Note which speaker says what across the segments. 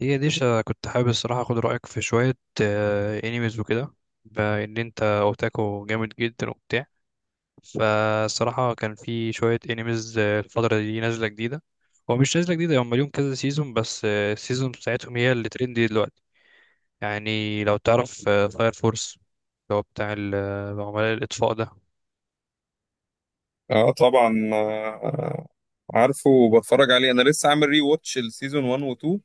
Speaker 1: كنت حابب الصراحة أخد رأيك في شوية أنيميز وكده، بإن أنت أوتاكو جامد جدا وبتاع. فالصراحة كان في شوية أنيميز الفترة دي نازلة جديدة. هو مش نازلة جديدة، هم ليهم كذا سيزون، بس السيزون بتاعتهم هي اللي ترندي دلوقتي، يعني لو تعرف فاير فورس، اللي هو بتاع عملاء الإطفاء ده.
Speaker 2: اه طبعا، عارفه وبتفرج عليه. انا لسه عامل ري واتش السيزون 1 و 2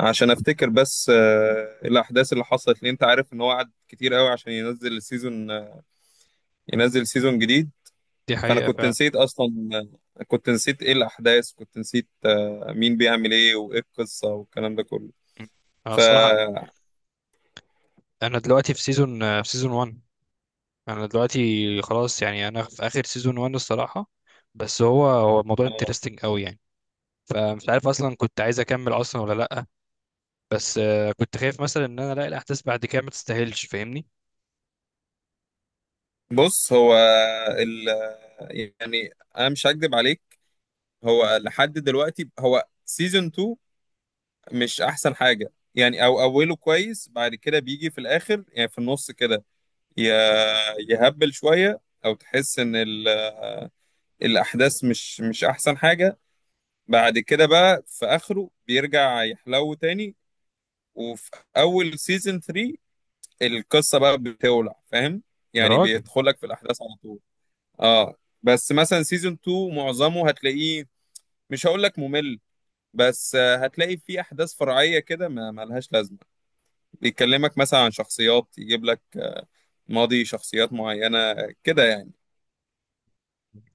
Speaker 2: عشان افتكر. بس الاحداث اللي حصلت، لان انت عارف ان هو قعد كتير قوي عشان ينزل السيزون آه، ينزل سيزون جديد.
Speaker 1: دي
Speaker 2: فانا
Speaker 1: حقيقة
Speaker 2: كنت
Speaker 1: فعلا.
Speaker 2: نسيت اصلا، كنت نسيت ايه الاحداث، كنت نسيت مين بيعمل ايه وايه القصة والكلام ده كله.
Speaker 1: م. أنا
Speaker 2: ف
Speaker 1: الصراحة، أنا دلوقتي في سيزون آه، في سيزون 1. انا دلوقتي خلاص، يعني انا في اخر سيزون 1 الصراحه. بس هو الموضوع
Speaker 2: آه،
Speaker 1: انترستنج قوي يعني. فمش عارف اصلا كنت عايز اكمل اصلا ولا لا. بس كنت خايف مثلا ان انا الاقي الاحداث بعد كده ما تستاهلش، فاهمني.
Speaker 2: بص، هو ال... آه، يعني انا مش هكدب عليك. هو لحد دلوقتي هو سيزون 2 مش احسن حاجه يعني، او اوله كويس، بعد كده بيجي في الاخر يعني في النص كده ي- يهبل شويه، او تحس ان الاحداث مش احسن حاجه. بعد كده بقى في اخره بيرجع يحلو تاني، وفي اول سيزون 3 القصه بقى بتولع، فاهم؟
Speaker 1: يا
Speaker 2: يعني
Speaker 1: راجل.
Speaker 2: بيدخلك في الاحداث على طول. اه، بس مثلا سيزون 2 معظمه هتلاقيه مش هقول لك ممل، بس هتلاقي فيه احداث فرعيه كده ما ملهاش لازمه، بيكلمك مثلا عن شخصيات، يجيب لك ماضي شخصيات معينة كده يعني.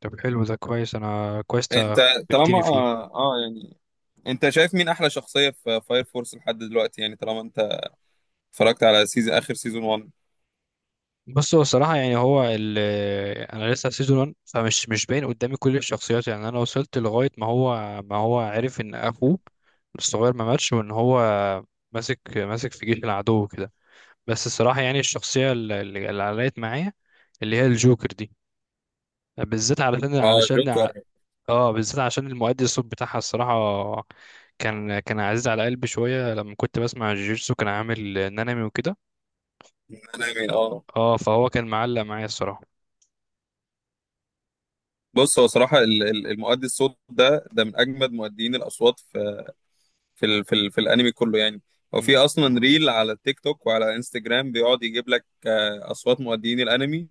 Speaker 1: طب حلو، ده كويس، انا كويس
Speaker 2: انت طالما
Speaker 1: تبتني فيه.
Speaker 2: اه, آه يعني انت شايف مين احلى شخصية في فاير فورس لحد دلوقتي يعني، طالما انت اتفرجت على سيزون اخر سيزون 1؟
Speaker 1: بص، هو الصراحه يعني هو ال انا لسه في سيزون 1، فمش مش باين قدامي كل الشخصيات، يعني انا وصلت لغايه ما هو عرف ان اخوه الصغير ما ماتش، وان هو ماسك ماسك في جيش العدو كده. بس الصراحة يعني الشخصية اللي علقت معايا، اللي هي الجوكر دي، بالذات
Speaker 2: اه، جوكر.
Speaker 1: اه، بالذات عشان المؤدي الصوت بتاعها الصراحة، كان عزيز على قلبي شوية لما كنت بسمع جيجيتسو، كان عامل نانامي وكده.
Speaker 2: انا مين؟ اه.
Speaker 1: اه، فهو كان معلق معايا الصراحة.
Speaker 2: بص، هو صراحة المؤدي الصوت ده من اجمد مؤديين الاصوات في الانمي كله يعني. هو
Speaker 1: مم.
Speaker 2: في اصلا ريل على التيك توك وعلى انستجرام، بيقعد يجيب لك اصوات مؤديين الانمي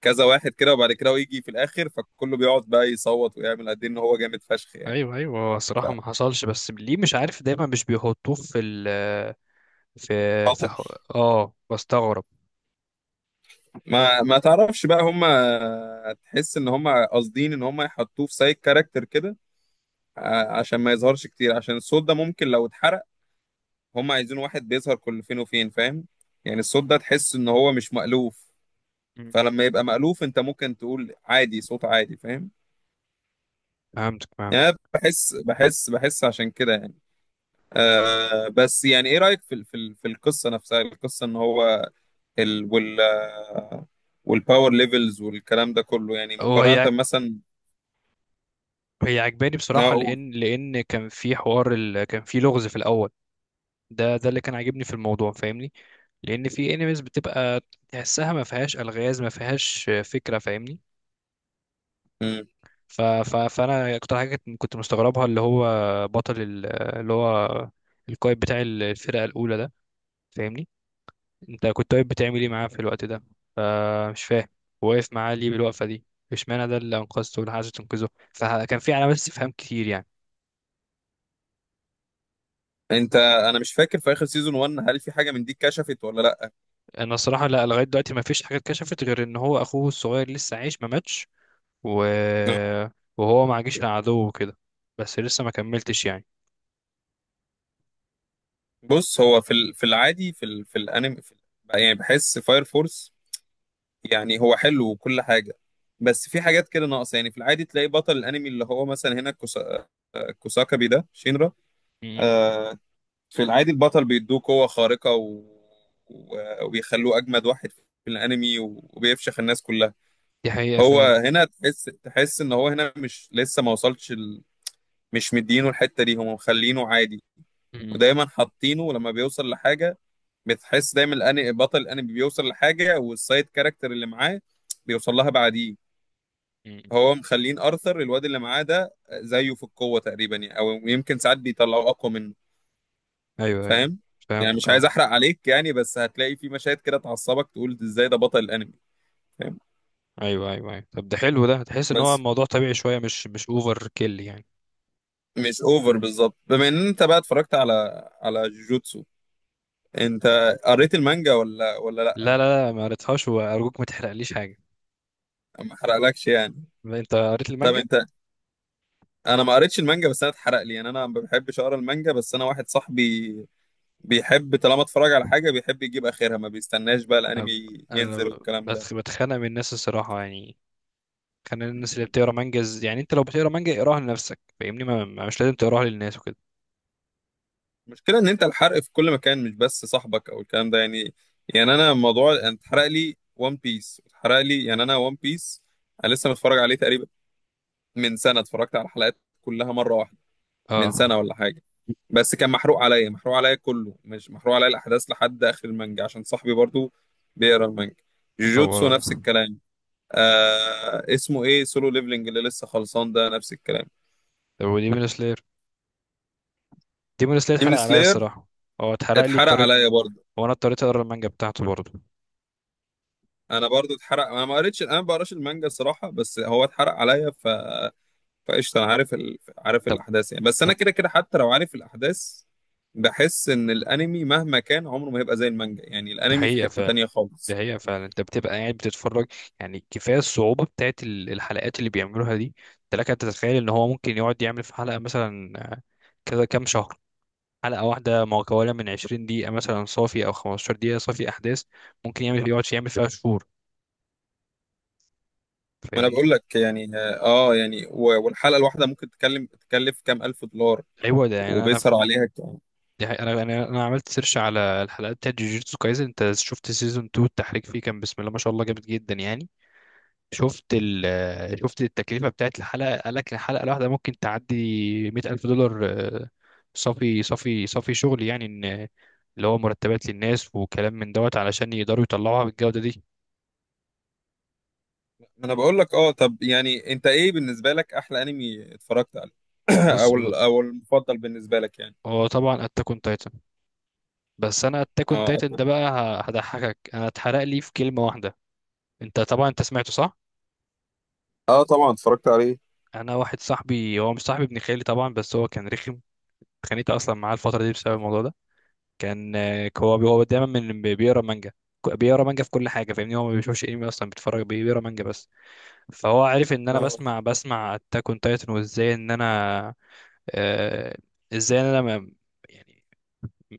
Speaker 2: كذا واحد كده، وبعد كده هو يجي في الاخر، فكله بيقعد بقى يصوت ويعمل قد إيه ان هو جامد فشخ يعني.
Speaker 1: ايوه، ايوه، هو
Speaker 2: ف-
Speaker 1: الصراحة ما حصلش، بس ليه مش عارف دايما مش بيحطوه في ال في في
Speaker 2: بطل.
Speaker 1: ح- اه بستغرب.
Speaker 2: ما تعرفش بقى، هم تحس ان هم قاصدين ان هم يحطوه في سايد كاركتر كده، عشان ما يظهرش كتير، عشان الصوت ده ممكن لو اتحرق. هم عايزين واحد بيظهر كل فين وفين، فاهم؟ يعني الصوت ده تحس ان هو مش مألوف.
Speaker 1: مم.
Speaker 2: فلما يبقى مألوف انت ممكن تقول عادي، صوت عادي، فاهم؟
Speaker 1: فهمتك.
Speaker 2: يعني أنا بحس عشان كده يعني. بس يعني، ايه رأيك في ال- في ال- في القصة نفسها، القصة ان هو ال وال والباور ليفلز والكلام ده كله، يعني
Speaker 1: هي
Speaker 2: مقارنة مثلا؟
Speaker 1: هي عجباني بصراحة،
Speaker 2: اه.
Speaker 1: لأن كان في لغز في الأول. ده اللي كان عاجبني في الموضوع، فاهمني، لان في انيميز بتبقى تحسها ما فيهاش الغاز، ما فيهاش فكره، فاهمني.
Speaker 2: أمم.
Speaker 1: فانا اكتر حاجه كنت مستغربها اللي هو بطل ال- اللي هو القائد بتاع الفرقه الاولى ده، فاهمني. انت كنت واقف بتعمل ايه معاه في الوقت ده؟ فمش فاهم واقف معاه ليه بالوقفه دي. اشمعنى ده اللي انقذته واللي عايز تنقذه؟ فكان في علامات استفهام كتير يعني.
Speaker 2: انا مش فاكر، في اخر سيزون 1 هل في حاجة من دي اتكشفت ولا لا؟
Speaker 1: انا الصراحه لا، لغايه دلوقتي ما فيش حاجه اتكشفت غير ان هو اخوه الصغير لسه عايش، ما ماتش، و...
Speaker 2: آه.
Speaker 1: وهو ما عاجش عدو وكده، بس لسه ما كملتش يعني.
Speaker 2: بص، هو في العادي، في الانمي، يعني بحس فاير فورس يعني هو حلو وكل حاجة، بس في حاجات كده ناقصة يعني. في العادي تلاقي بطل الانمي اللي هو مثلا هنا كوساكابي، ده شينرا.
Speaker 1: م.
Speaker 2: آه، في العادي البطل بيدوه قوة خارقة، و... و- وبيخلوه أجمد واحد في الأنمي، و- وبيفشخ الناس كلها.
Speaker 1: دي حقيقة
Speaker 2: هو
Speaker 1: فعلا.
Speaker 2: هنا تحس إن هو هنا مش، لسه ما وصلش مش مدينه، الحتة دي هم مخلينه عادي،
Speaker 1: م.
Speaker 2: ودايما حاطينه لما بيوصل لحاجة، بتحس دايما بطل الأنمي بيوصل لحاجة والسايد كاركتر اللي معاه بيوصل لها بعديه.
Speaker 1: م. م.
Speaker 2: هو مخلين أرثر الواد اللي معاه ده زيه في القوة تقريبا يعني، أو يمكن ساعات بيطلعوا أقوى منه.
Speaker 1: ايوه ايوه،
Speaker 2: فاهم؟ يعني
Speaker 1: فهمتك،
Speaker 2: مش
Speaker 1: اه.
Speaker 2: عايز احرق عليك يعني، بس هتلاقي في مشاهد كده تعصبك تقول ازاي ده بطل الانمي، فاهم؟
Speaker 1: ايوه ايوه ايوه، طب ده حلو، ده تحس ان هو
Speaker 2: بس
Speaker 1: الموضوع طبيعي شوية، مش مش اوفر كيل يعني.
Speaker 2: مش اوفر بالظبط، بما ان انت بقى اتفرجت على جوجوتسو، انت قريت المانجا ولا
Speaker 1: لا
Speaker 2: لا؟
Speaker 1: لا لا، ما قريتهاش، وارجوك ما تحرقليش حاجة.
Speaker 2: ما حرقلكش يعني.
Speaker 1: انت قريت
Speaker 2: طب،
Speaker 1: المانجا؟
Speaker 2: انا ما قريتش المانجا، بس انا اتحرق لي يعني. انا ما بحبش اقرا المانجا، بس انا واحد صاحبي بيحب، طالما اتفرج على حاجه بيحب يجيب اخرها، ما بيستناش بقى
Speaker 1: انا
Speaker 2: الانمي ينزل
Speaker 1: أنا
Speaker 2: والكلام ده.
Speaker 1: بتخ- بتخانق من الناس الصراحة يعني. كان الناس اللي بتقرا مانجا يعني، انت لو بتقرا مانجا اقراها لنفسك، فاهمني، مش لازم تقراها للناس وكده.
Speaker 2: المشكلة إن أنت الحرق في كل مكان، مش بس صاحبك أو الكلام ده يعني. يعني أنا، موضوع أنا اتحرق لي ون بيس، اتحرق لي، يعني أنا ون بيس أنا لسه متفرج عليه تقريبا، من سنة اتفرجت على الحلقات كلها مرة واحدة، من
Speaker 1: اه،
Speaker 2: سنة ولا حاجة. بس كان محروق عليا، محروق عليا كله، مش محروق عليا الأحداث لحد آخر المانجا، عشان صاحبي برضو بيقرا المانجا.
Speaker 1: خبر
Speaker 2: جوجوتسو نفس
Speaker 1: ابيض.
Speaker 2: الكلام. اسمه إيه، سولو ليفلينج اللي لسه خلصان ده، نفس الكلام.
Speaker 1: طب ودي بالنسبة، ديمون سلاير
Speaker 2: ديمون
Speaker 1: اتحرق عليا
Speaker 2: سلاير
Speaker 1: الصراحه، هو اتحرق لي،
Speaker 2: اتحرق
Speaker 1: اضطريت،
Speaker 2: عليا برضو.
Speaker 1: وانا اضطريت اقرا المانجا بتاعته برضه.
Speaker 2: انا برضو اتحرق، انا ما قريتش انا ما بقراش المانجا الصراحه، بس هو اتحرق عليا. فقشطه، انا عارف
Speaker 1: طب
Speaker 2: الاحداث يعني، بس انا
Speaker 1: طب
Speaker 2: كده كده حتى لو عارف الاحداث، بحس ان الانمي مهما كان عمره ما هيبقى زي المانجا، يعني
Speaker 1: دي
Speaker 2: الانمي في
Speaker 1: حقيقه
Speaker 2: حته
Speaker 1: فعلا،
Speaker 2: تانية
Speaker 1: دي
Speaker 2: خالص.
Speaker 1: حقيقه فعلا. انت بتبقى قاعد بتتفرج، يعني كفايه الصعوبه بتاعت الحلقات اللي بيعملوها دي. انت لك ان تتخيل ان هو ممكن يقعد يعمل في حلقه مثلا كذا كام شهر. حلقه واحده مكونه من 20 دقيقه مثلا صافي، او 15 دقيقه صافي احداث، ممكن يقعد يعمل فيها شهور،
Speaker 2: ما انا
Speaker 1: فاهمني.
Speaker 2: بقول لك يعني، اه يعني، و- والحلقه الواحده ممكن تكلف كام الف دولار،
Speaker 1: ايوه، ده يعني
Speaker 2: وبيسهر عليها كام.
Speaker 1: دي حقيقة. انا انا أنا عملت سيرش على الحلقات بتاعت جوجيتسو كايزن. انت شفت سيزون 2، التحريك فيه كان بسم الله ما شاء الله جامد جدا يعني. شفت ال آه، شفت التكلفة بتاعت الحلقة، قال لك الحلقة الواحدة ممكن تعدي 100000 ألف دولار، صافي صافي صافي شغل، يعني ان اللي هو مرتبات للناس وكلام من دوت علشان يقدروا يطلعوها بالجودة دي.
Speaker 2: ما انا بقول لك. اه، طب يعني، انت ايه بالنسبه لك احلى انمي اتفرجت عليه؟
Speaker 1: بص،
Speaker 2: او المفضل بالنسبه لك يعني؟
Speaker 1: هو طبعا اتاك اون تايتن، بس انا اتاك اون
Speaker 2: اه،
Speaker 1: تايتن ده بقى هضحكك، انا اتحرق لي في كلمة واحدة. انت طبعا سمعته، صح؟
Speaker 2: اه طبعا، اتفرجت عليه.
Speaker 1: انا واحد صاحبي، هو مش صاحبي، ابن خالي طبعا، بس هو كان رخم. اتخانقت اصلا معاه الفتره دي بسبب الموضوع ده. كان هو دايما من بيقرا مانجا، بيقرا مانجا في كل حاجه، فاهمني، هو ما بيشوفش انمي اصلا، بيقرا مانجا بس. فهو عارف ان انا
Speaker 2: اه،
Speaker 1: بسمع اتاك اون تايتن، وازاي ان انا آه، ازاي ان انا ما- يعني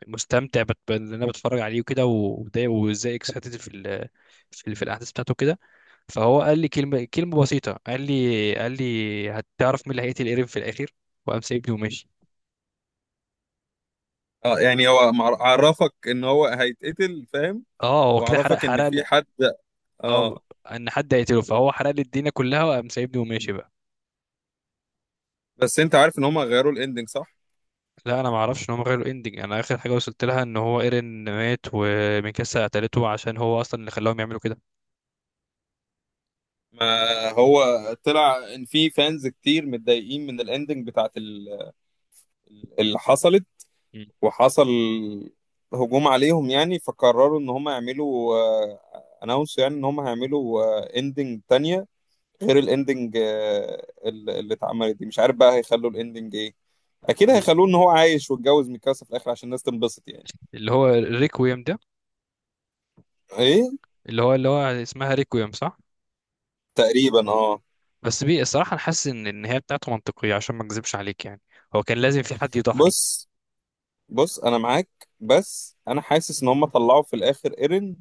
Speaker 1: مستمتع بان انا بتفرج عليه وكده وده، وازاي اكسايتد في الاحداث بتاعته كده. فهو قال لي كلمه بسيطه، قال لي هتعرف مين اللي هيقتل ايرين في الاخر، وقام سايبني وماشي.
Speaker 2: اه يعني، هو عرفك ان هو هيتقتل، فاهم؟
Speaker 1: اه، هو كده حرق
Speaker 2: وعرفك ان
Speaker 1: حرق لي،
Speaker 2: في حد،
Speaker 1: اه،
Speaker 2: اه.
Speaker 1: ان حد هيقتله، فهو حرق لي الدنيا كلها، وقام سايبني وماشي بقى.
Speaker 2: بس انت عارف ان هم غيروا الاندنج، صح؟
Speaker 1: لا، انا ما اعرفش ان هم غيروا الاندنج، انا اخر حاجه وصلت لها ان هو ايرين مات، وميكاسا قتلته عشان هو اصلا اللي خلاهم يعملوا كده.
Speaker 2: ما هو طلع ان في فانز كتير متضايقين من الاندنج بتاعت اللي حصلت،
Speaker 1: مم.
Speaker 2: وحصل هجوم عليهم يعني، فقرروا ان هم يعملوا اناونس، يعني ان هم هيعملوا اندنج تانية، غير الاندنج اللي اتعملت دي. مش عارف بقى هيخلوا الاندنج ايه، اكيد هيخلوه ان هو عايش واتجوز ميكاسا في الاخر عشان الناس تنبسط يعني.
Speaker 1: اللي هو ريكويم ده،
Speaker 2: ايه.
Speaker 1: اللي هو اسمها ريكويم، صح؟
Speaker 2: تقريبا اه.
Speaker 1: بس الصراحه انا حاسس ان النهايه بتاعته منطقيه، عشان ما اكذبش عليك يعني، هو كان لازم في حد يضحي.
Speaker 2: بص، بص، انا معاك، بس انا حاسس ان هم طلعوا في الاخر ايرن.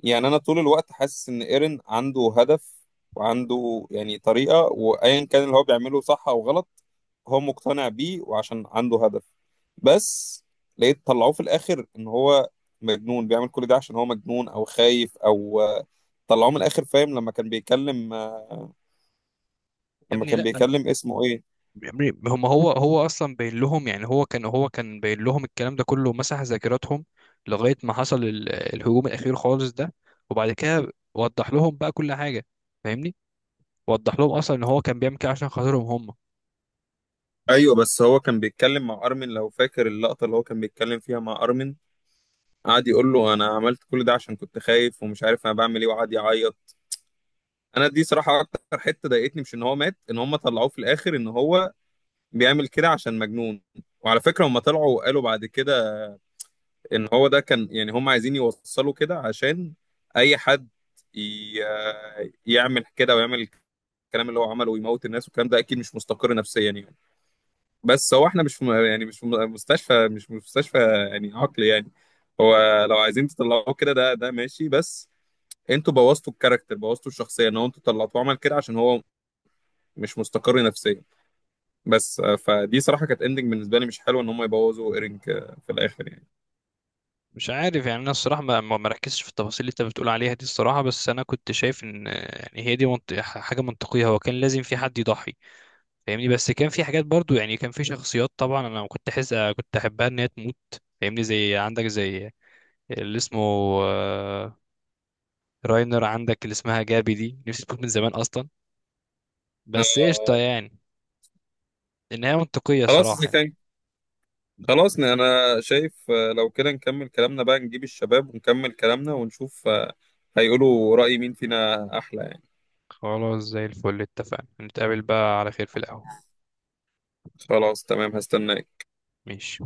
Speaker 2: يعني انا طول الوقت حاسس ان ايرن عنده هدف، وعنده يعني طريقة، وايا كان اللي هو بيعمله صح او غلط هو مقتنع بيه، وعشان عنده هدف. بس لقيت طلعوه في الاخر ان هو مجنون، بيعمل كل ده عشان هو مجنون او خايف، او طلعوه من الاخر، فاهم؟
Speaker 1: يا
Speaker 2: لما
Speaker 1: ابني
Speaker 2: كان
Speaker 1: لا،
Speaker 2: بيكلم اسمه ايه.
Speaker 1: يا ابني هم هو هو اصلا باين لهم، يعني هو كان باين لهم الكلام ده كله، مسح ذاكرتهم لغايه ما حصل الهجوم الاخير خالص ده، وبعد كده وضح لهم بقى كل حاجه، فاهمني. وضح لهم اصلا ان هو كان بيعمل كده عشان خاطرهم هم.
Speaker 2: ايوه، بس هو كان بيتكلم مع ارمن، لو فاكر اللقطه اللي هو كان بيتكلم فيها مع ارمن، قعد يقول له انا عملت كل ده عشان كنت خايف ومش عارف انا بعمل ايه، وقعد يعيط. انا دي صراحه اكتر حته ضايقتني، مش ان هو مات، ان هم طلعوه في الاخر ان هو بيعمل كده عشان مجنون. وعلى فكره هم طلعوا وقالوا بعد كده ان هو ده كان، يعني هم عايزين يوصلوا كده عشان اي حد ي- يعمل كده ويعمل الكلام اللي هو عمله ويموت الناس والكلام ده اكيد مش مستقر نفسيا يعني. بس هو احنا مش في يعني مش في مستشفى، مش في مستشفى يعني، عقل يعني.
Speaker 1: م.
Speaker 2: هو لو عايزين تطلعوه كده ده ماشي، بس انتوا بوظتوا الكاركتر، بوظتوا الشخصيه، ان هو انتوا طلعتوه عمل كده عشان هو مش مستقر نفسيا. بس، فدي صراحه كانت اندنج بالنسبه لي مش حلوه، ان هم يبوظوا ايرينج في الاخر يعني
Speaker 1: مش عارف يعني، انا الصراحه ما ركزتش في التفاصيل اللي انت بتقول عليها دي الصراحه، بس انا كنت شايف ان يعني هي دي حاجه منطقيه، هو كان لازم في حد يضحي، فاهمني. بس كان في حاجات برضو يعني، كان في شخصيات طبعا انا كنت احبها ان هي تموت، فاهمني. زي عندك اللي اسمه آه، راينر، عندك اللي اسمها جابي دي نفسي تموت من زمان اصلا. بس قشطه
Speaker 2: آه
Speaker 1: يعني، النهايه منطقيه
Speaker 2: خلاص
Speaker 1: صراحه
Speaker 2: اذا
Speaker 1: يعني.
Speaker 2: كان خلاص، انا شايف لو كده نكمل كلامنا بقى، نجيب الشباب ونكمل كلامنا ونشوف هيقولوا رأي مين فينا احلى يعني.
Speaker 1: خلاص، زي الفل، اتفقنا نتقابل بقى على خير في القهوه.
Speaker 2: خلاص، تمام، هستناك.
Speaker 1: ماشي.